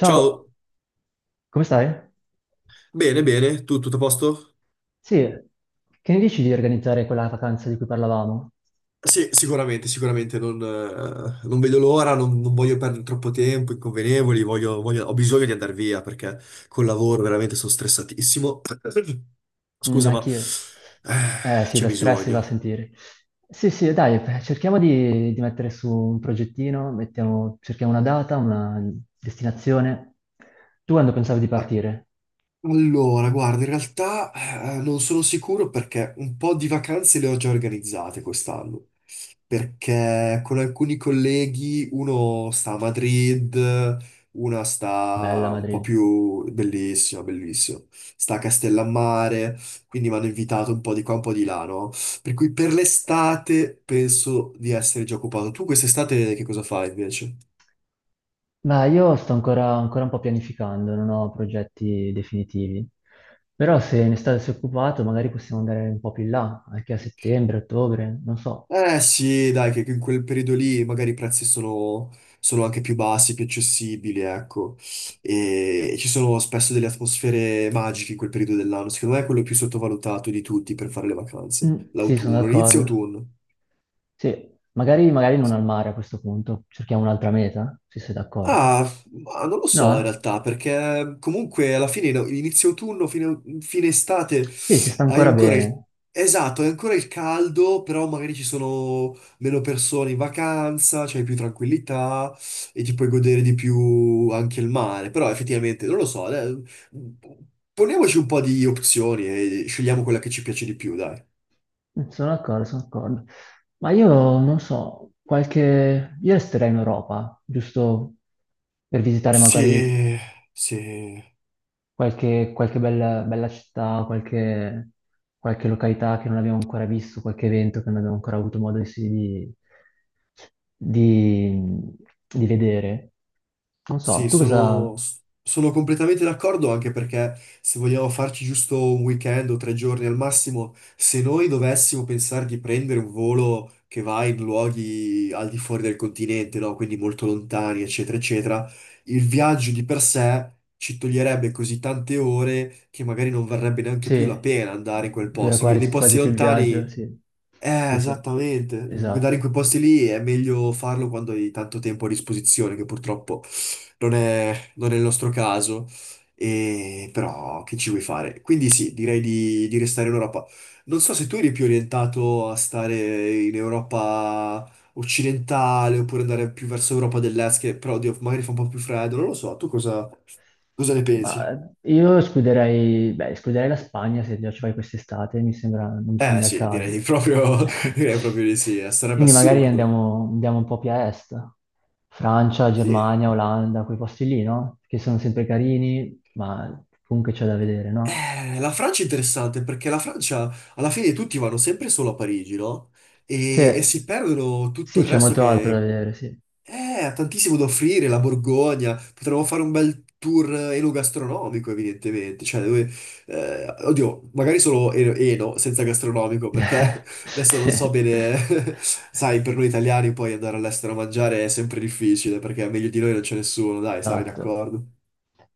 Ciao, come stai? bene, bene, tu tutto a posto? Sì, che ne dici di organizzare quella vacanza di cui parlavamo? Sì, sicuramente, sicuramente, non vedo l'ora, non voglio perdere troppo tempo, inconvenevoli, ho bisogno di andare via perché col lavoro veramente sono stressatissimo. Mm, Scusa, ma anch'io. Eh sì, c'è lo stress si va a bisogno. sentire. Sì, sì, dai, beh, cerchiamo di mettere su un progettino, cerchiamo una data, una destinazione. Tu quando pensavi di Ah, partire? allora, guarda, in realtà non sono sicuro perché un po' di vacanze le ho già organizzate quest'anno. Perché con alcuni colleghi uno sta a Madrid, una Bella sta un po' Madrid. più bellissimo, sta a Castellammare, quindi mi hanno invitato un po' di qua, un po' di là, no? Per cui per l'estate penso di essere già occupato. Tu quest'estate che cosa fai invece? Ma io sto ancora un po' pianificando, non ho progetti definitivi. Però se ne state occupati magari possiamo andare un po' più in là, anche a settembre, ottobre, non so. Eh sì, dai, che in quel periodo lì magari i prezzi sono anche più bassi, più accessibili, ecco. E ci sono spesso delle atmosfere magiche in quel periodo dell'anno. Secondo me è quello più sottovalutato di tutti per fare le vacanze. Mm, sì, sono L'autunno, l'inizio d'accordo. autunno. Sì, magari non al mare a questo punto, cerchiamo un'altra meta, se sei d'accordo. Ah, ma non lo so in No? realtà, perché comunque alla fine, no, inizio autunno, fine Eh? estate, Sì, si sta hai ancora ancora il... bene. Esatto, hai ancora il caldo, però magari ci sono meno persone in vacanza, c'hai più tranquillità e ti puoi godere di più anche il mare. Però effettivamente, non lo so, poniamoci un po' di opzioni e scegliamo quella che ci piace di più, dai. Mm, sono d'accordo, sono d'accordo. Ma io non so, qualche... Io resterei in Europa, giusto per visitare magari Se, se qualche, qualche bella città, qualche, qualche località che non abbiamo ancora visto, qualche evento che non abbiamo ancora avuto modo di- di vedere. Non so, Sì, tu sono, cosa... sono completamente d'accordo anche perché se vogliamo farci giusto un weekend o 3 giorni al massimo, se noi dovessimo pensare di prendere un volo che va in luoghi al di fuori del continente, no? Quindi molto lontani, eccetera, eccetera, il viaggio di per sé ci toglierebbe così tante ore che magari non varrebbe neanche più la Sì, pena andare in quel dura posto. Nei quasi posti più il viaggio, lontani sì. Sì, sì, esattamente. Andare in esatto. quei posti lì è meglio farlo quando hai tanto tempo a disposizione, che purtroppo non è il nostro caso. Però che ci vuoi fare? Quindi sì, direi di restare in Europa. Non so se tu eri più orientato a stare in Europa occidentale oppure andare più verso Europa dell'Est, che però oddio, magari fa un po' più freddo, non lo so. Tu cosa ne Ma pensi? Io escluderei, beh, escluderei la Spagna se già ci vai quest'estate, mi sembra, non mi Eh sembra il sì, caso. direi proprio, direi proprio di sì, sarebbe Quindi magari assurdo. andiamo un po' più a est, Francia, Sì. Germania, Olanda, quei posti lì, no? Che sono sempre carini, ma comunque c'è da vedere, no? La Francia è interessante perché la Francia alla fine tutti vanno sempre solo a Parigi, no? E Sì, si perdono tutto sì, il c'è resto molto altro da che vedere, sì. eh, ha tantissimo da offrire. La Borgogna, potremmo fare un bel tour enogastronomico evidentemente. Cioè, dove, oddio, magari solo eno, senza gastronomico perché adesso non so Sì. bene. Sai, per noi italiani poi andare all'estero a mangiare è sempre difficile perché meglio di noi non c'è nessuno, dai, sarai Esatto, d'accordo?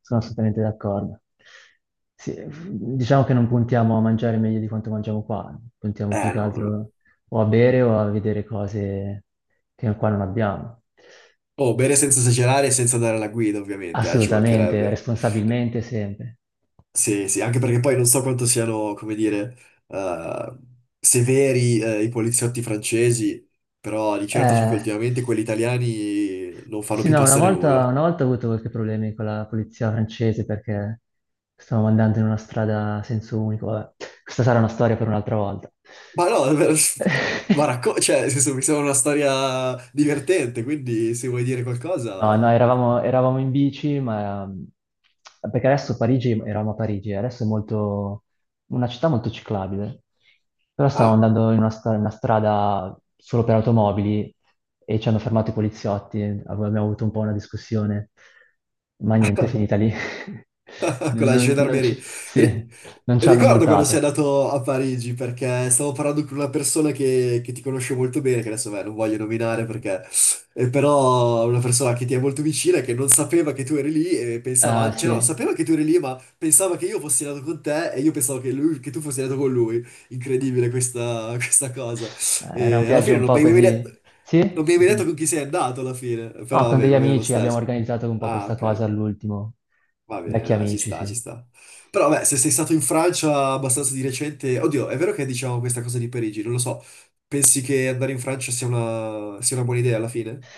sono assolutamente d'accordo. Sì, diciamo che non puntiamo a mangiare meglio di quanto mangiamo qua, puntiamo più Eh che no. No, no. altro o a bere o a vedere cose che qua non abbiamo. Oh, bere senza esagerare e senza andare alla guida, ovviamente, ci Assolutamente, mancherebbe. responsabilmente sempre. Sì, sì, anche perché poi non so quanto siano, come dire, eh, severi, i poliziotti francesi, però di certo so che Eh, ultimamente quelli italiani non fanno sì, più no, una passare volta, nulla. una volta ho avuto qualche problemi con la polizia francese perché stavamo andando in una strada a senso unico. Vabbè, questa sarà una storia per un'altra volta. Ma no, ma cioè, nel senso, mi sembra una storia divertente, quindi se vuoi dire No, no, qualcosa... eravamo in bici, ma perché adesso Parigi, eravamo a Parigi, adesso è molto, una città molto ciclabile, però stavamo Ah. andando in una strada solo per automobili e ci hanno fermato i poliziotti, abbiamo avuto un po' una discussione, ma niente, è finita lì. Con la Non, non gendarmerie. ci Ri- sì, Non ci hanno Ricordo quando sei multato. andato a Parigi perché stavo parlando con una persona che ti conosce molto bene, che adesso, beh, non voglio nominare perché, però una persona che ti è molto vicina e che non sapeva che tu eri lì e Ah, pensava, cioè no, sì. sapeva che tu eri lì ma pensava che io fossi andato con te e io pensavo che, lui, che tu fossi andato con lui. Incredibile questa, questa cosa. Era un E alla viaggio fine un non mi po' hai mai detto, così. non Sì? mi hai mai Mm. detto con chi sei andato alla fine, No, però con vabbè, degli va bene lo amici abbiamo stesso. organizzato un po' Ah, questa cosa ok. all'ultimo. Va bene, Vecchi dai, ci amici, sta, ci sì. sta. Però, beh, se sei stato in Francia abbastanza di recente, oddio, è vero che diciamo questa cosa di Parigi, non lo so. Pensi che andare in Francia sia una buona idea alla fine?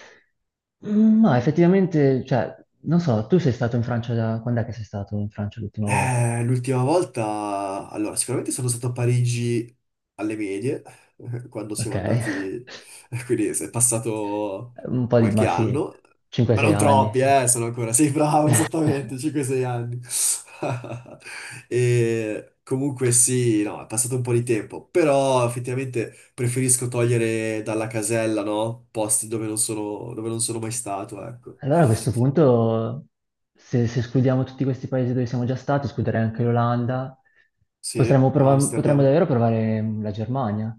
Mm, no, effettivamente, cioè, non so, tu sei stato in Francia da... Quando è che sei stato in Francia l'ultima volta? L'ultima volta, allora, sicuramente sono stato a Parigi alle medie, quando Ok. siamo andati, quindi è passato Un po' di... ma qualche sì, anno, ma 5-6 non anni, troppi, sì. Sono ancora, sei bravo, esattamente, 5-6 anni. E comunque sì, no, è passato un po' di tempo, però effettivamente preferisco togliere dalla casella, no? Posti dove non sono mai stato, ecco. Allora a questo punto, se escludiamo tutti questi paesi dove siamo già stati, escluderei anche l'Olanda, Sì, potremmo Amsterdam. davvero provare la Germania.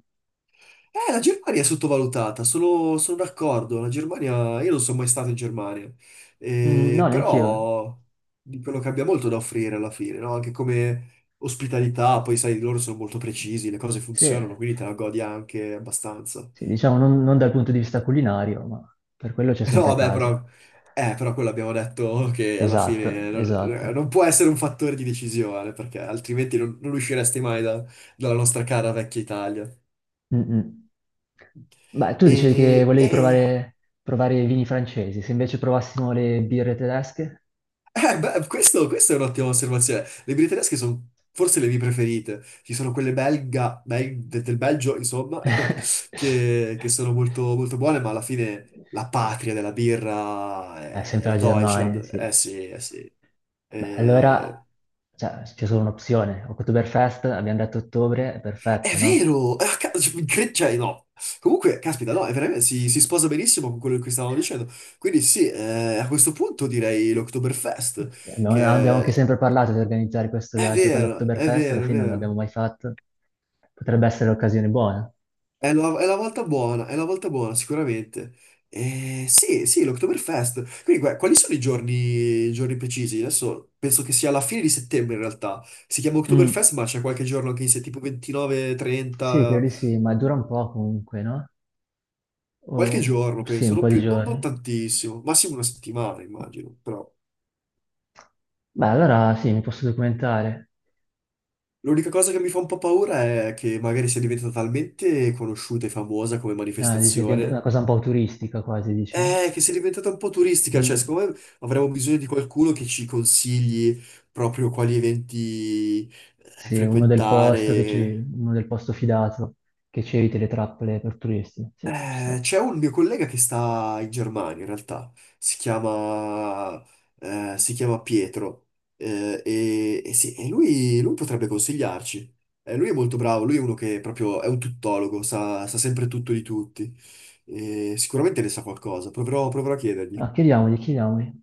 La Germania è sottovalutata, sono d'accordo. La Germania, io non sono mai stato in Germania. Mm, no, neanche io. Però di quello che abbia molto da offrire alla fine, no? Anche come ospitalità, poi sai, loro sono molto precisi, le cose Sì, funzionano, quindi te la godi anche abbastanza. sì, diciamo non dal punto di vista culinario, ma per quello c'è No, sempre vabbè, casa. però quello abbiamo detto che alla Esatto, fine non, eh, esatto. non può essere un fattore di decisione, perché altrimenti non usciresti mai dalla nostra cara vecchia Italia. Mm, mm. Beh, tu dicevi che E, volevi e- provare i vini francesi, se invece provassimo le birre tedesche? Beh, questa è un'ottima osservazione. Le birre tedesche sono forse le mie preferite. Ci sono quelle belga, del Belgio, insomma, che sono molto, molto buone, ma alla fine la patria della birra è sempre la la Germania, Deutschland. sì. Eh sì, eh sì. Beh, allora, Eh, cioè, c'è solo un'opzione. Oktoberfest, abbiamo detto ottobre, è è perfetto, no? vero! Cioè, no. Comunque, caspita, no, è veramente, si sposa benissimo con quello che stavamo dicendo. Quindi sì, a questo punto direi l'Oktoberfest, Sì, abbiamo anche che sempre parlato di organizzare questo è viaggio per vero, è l'Oktoberfest, alla vero, è fine non l'abbiamo vero. mai fatto. Potrebbe essere l'occasione buona. È la volta buona, è la volta buona, sicuramente. Sì, sì, l'Oktoberfest. Quindi, quali sono i giorni precisi? Adesso penso che sia alla fine di settembre, in realtà. Si chiama Mm. Oktoberfest, ma c'è qualche giorno anche in se tipo 29, Sì, credo 30, di sì, ma dura un po' comunque, no? qualche O, giorno, sì, penso, un non po' di più, non giorni. tantissimo, massimo una settimana, immagino. Però Beh, allora sì, mi posso documentare. l'unica cosa che mi fa un po' paura è che magari sia diventata talmente conosciuta e famosa come Ah, dice, diventa una manifestazione. cosa un po' turistica quasi, dici? Che sia diventata un po' turistica, cioè Mm. secondo me avremo bisogno di qualcuno che ci consigli proprio quali eventi Sì, uno del posto che ci, frequentare. uno del posto fidato che ci eviti le trappole per turisti. Sì, ci sta. C'è un mio collega che sta in Germania in realtà, si chiama, si chiama Pietro, e sì, e lui potrebbe consigliarci. Lui è molto bravo, lui è uno che proprio è un tuttologo, sa sempre tutto di tutti. E sicuramente ne sa qualcosa, proverò a chiedergli. Ah, chiediamogli, chiediamogli.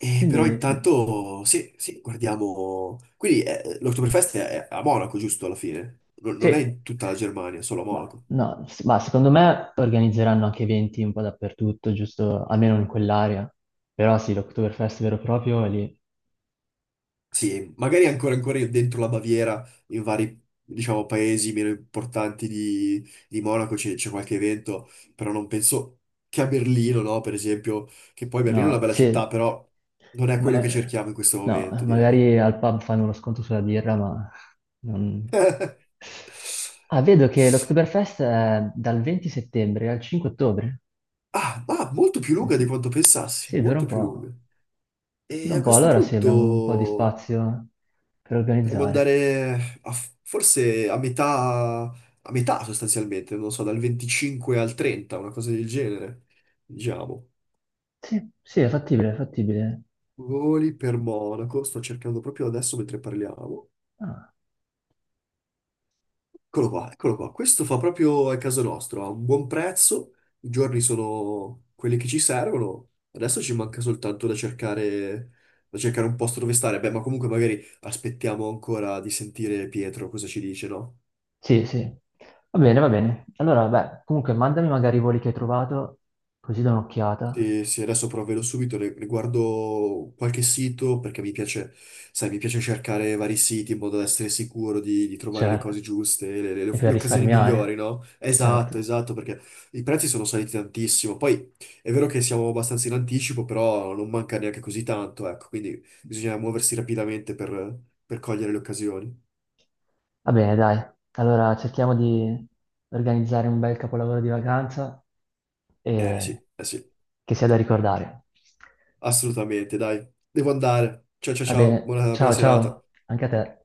Però Quindi sì. intanto, sì, sì, guardiamo... Quindi l'Oktoberfest è a Monaco, giusto, alla fine? Non è Sì. in tutta la Germania, solo a Ma, Monaco. no, s- Ma secondo me organizzeranno anche eventi un po' dappertutto, giusto, almeno in quell'area. Però sì, l'Oktoberfest vero e proprio è lì. Sì, magari ancora dentro la Baviera, in vari, diciamo, paesi meno importanti di Monaco c'è qualche evento, però non penso che a Berlino, no, per esempio, che poi Berlino è una No, bella città, sì, però non è quello che ma- cerchiamo in questo no, momento, direi. magari al pub fanno uno sconto sulla birra, ma non... Ah, vedo che l'Oktoberfest è dal 20 settembre al 5 ottobre. Ah, ma molto più Quindi lunga di sì. quanto pensassi, Sì, dura molto un più po'. lunga. E Dura a un po', questo allora sì, abbiamo un po' di punto... spazio per Potremmo organizzare. andare forse a metà sostanzialmente, non so, dal 25 al 30, una cosa del genere, diciamo. Sì, sì, è fattibile, è fattibile. Voli per Monaco, sto cercando proprio adesso mentre parliamo. Ah. Eccolo qua, eccolo qua. Questo fa proprio a caso nostro, ha un buon prezzo, i giorni sono quelli che ci servono. Adesso ci manca soltanto da cercare un posto dove stare. Beh, ma comunque magari aspettiamo ancora di sentire Pietro cosa ci dice, no? Sì, sì. Va bene, va bene. Allora, beh, comunque mandami magari i voli che hai trovato, così do un'occhiata. Sì, sì, adesso provvedo subito, riguardo qualche sito perché mi piace, sai, mi piace cercare vari siti in modo da essere sicuro di trovare le Certo. cose giuste, le, le- E per le occasioni migliori, risparmiare. no? Esatto, Certo. esatto, perché i prezzi sono saliti tantissimo. Poi è vero che siamo abbastanza in anticipo, però non manca neanche così tanto, ecco, quindi bisogna muoversi rapidamente per cogliere le occasioni. Va bene, dai. Allora cerchiamo di organizzare un bel capolavoro di vacanza e Sì, eh sì, che sia da ricordare. assolutamente, dai, devo andare. Ciao ciao Va ciao, bene. buona Ciao, serata. ciao. Anche a te.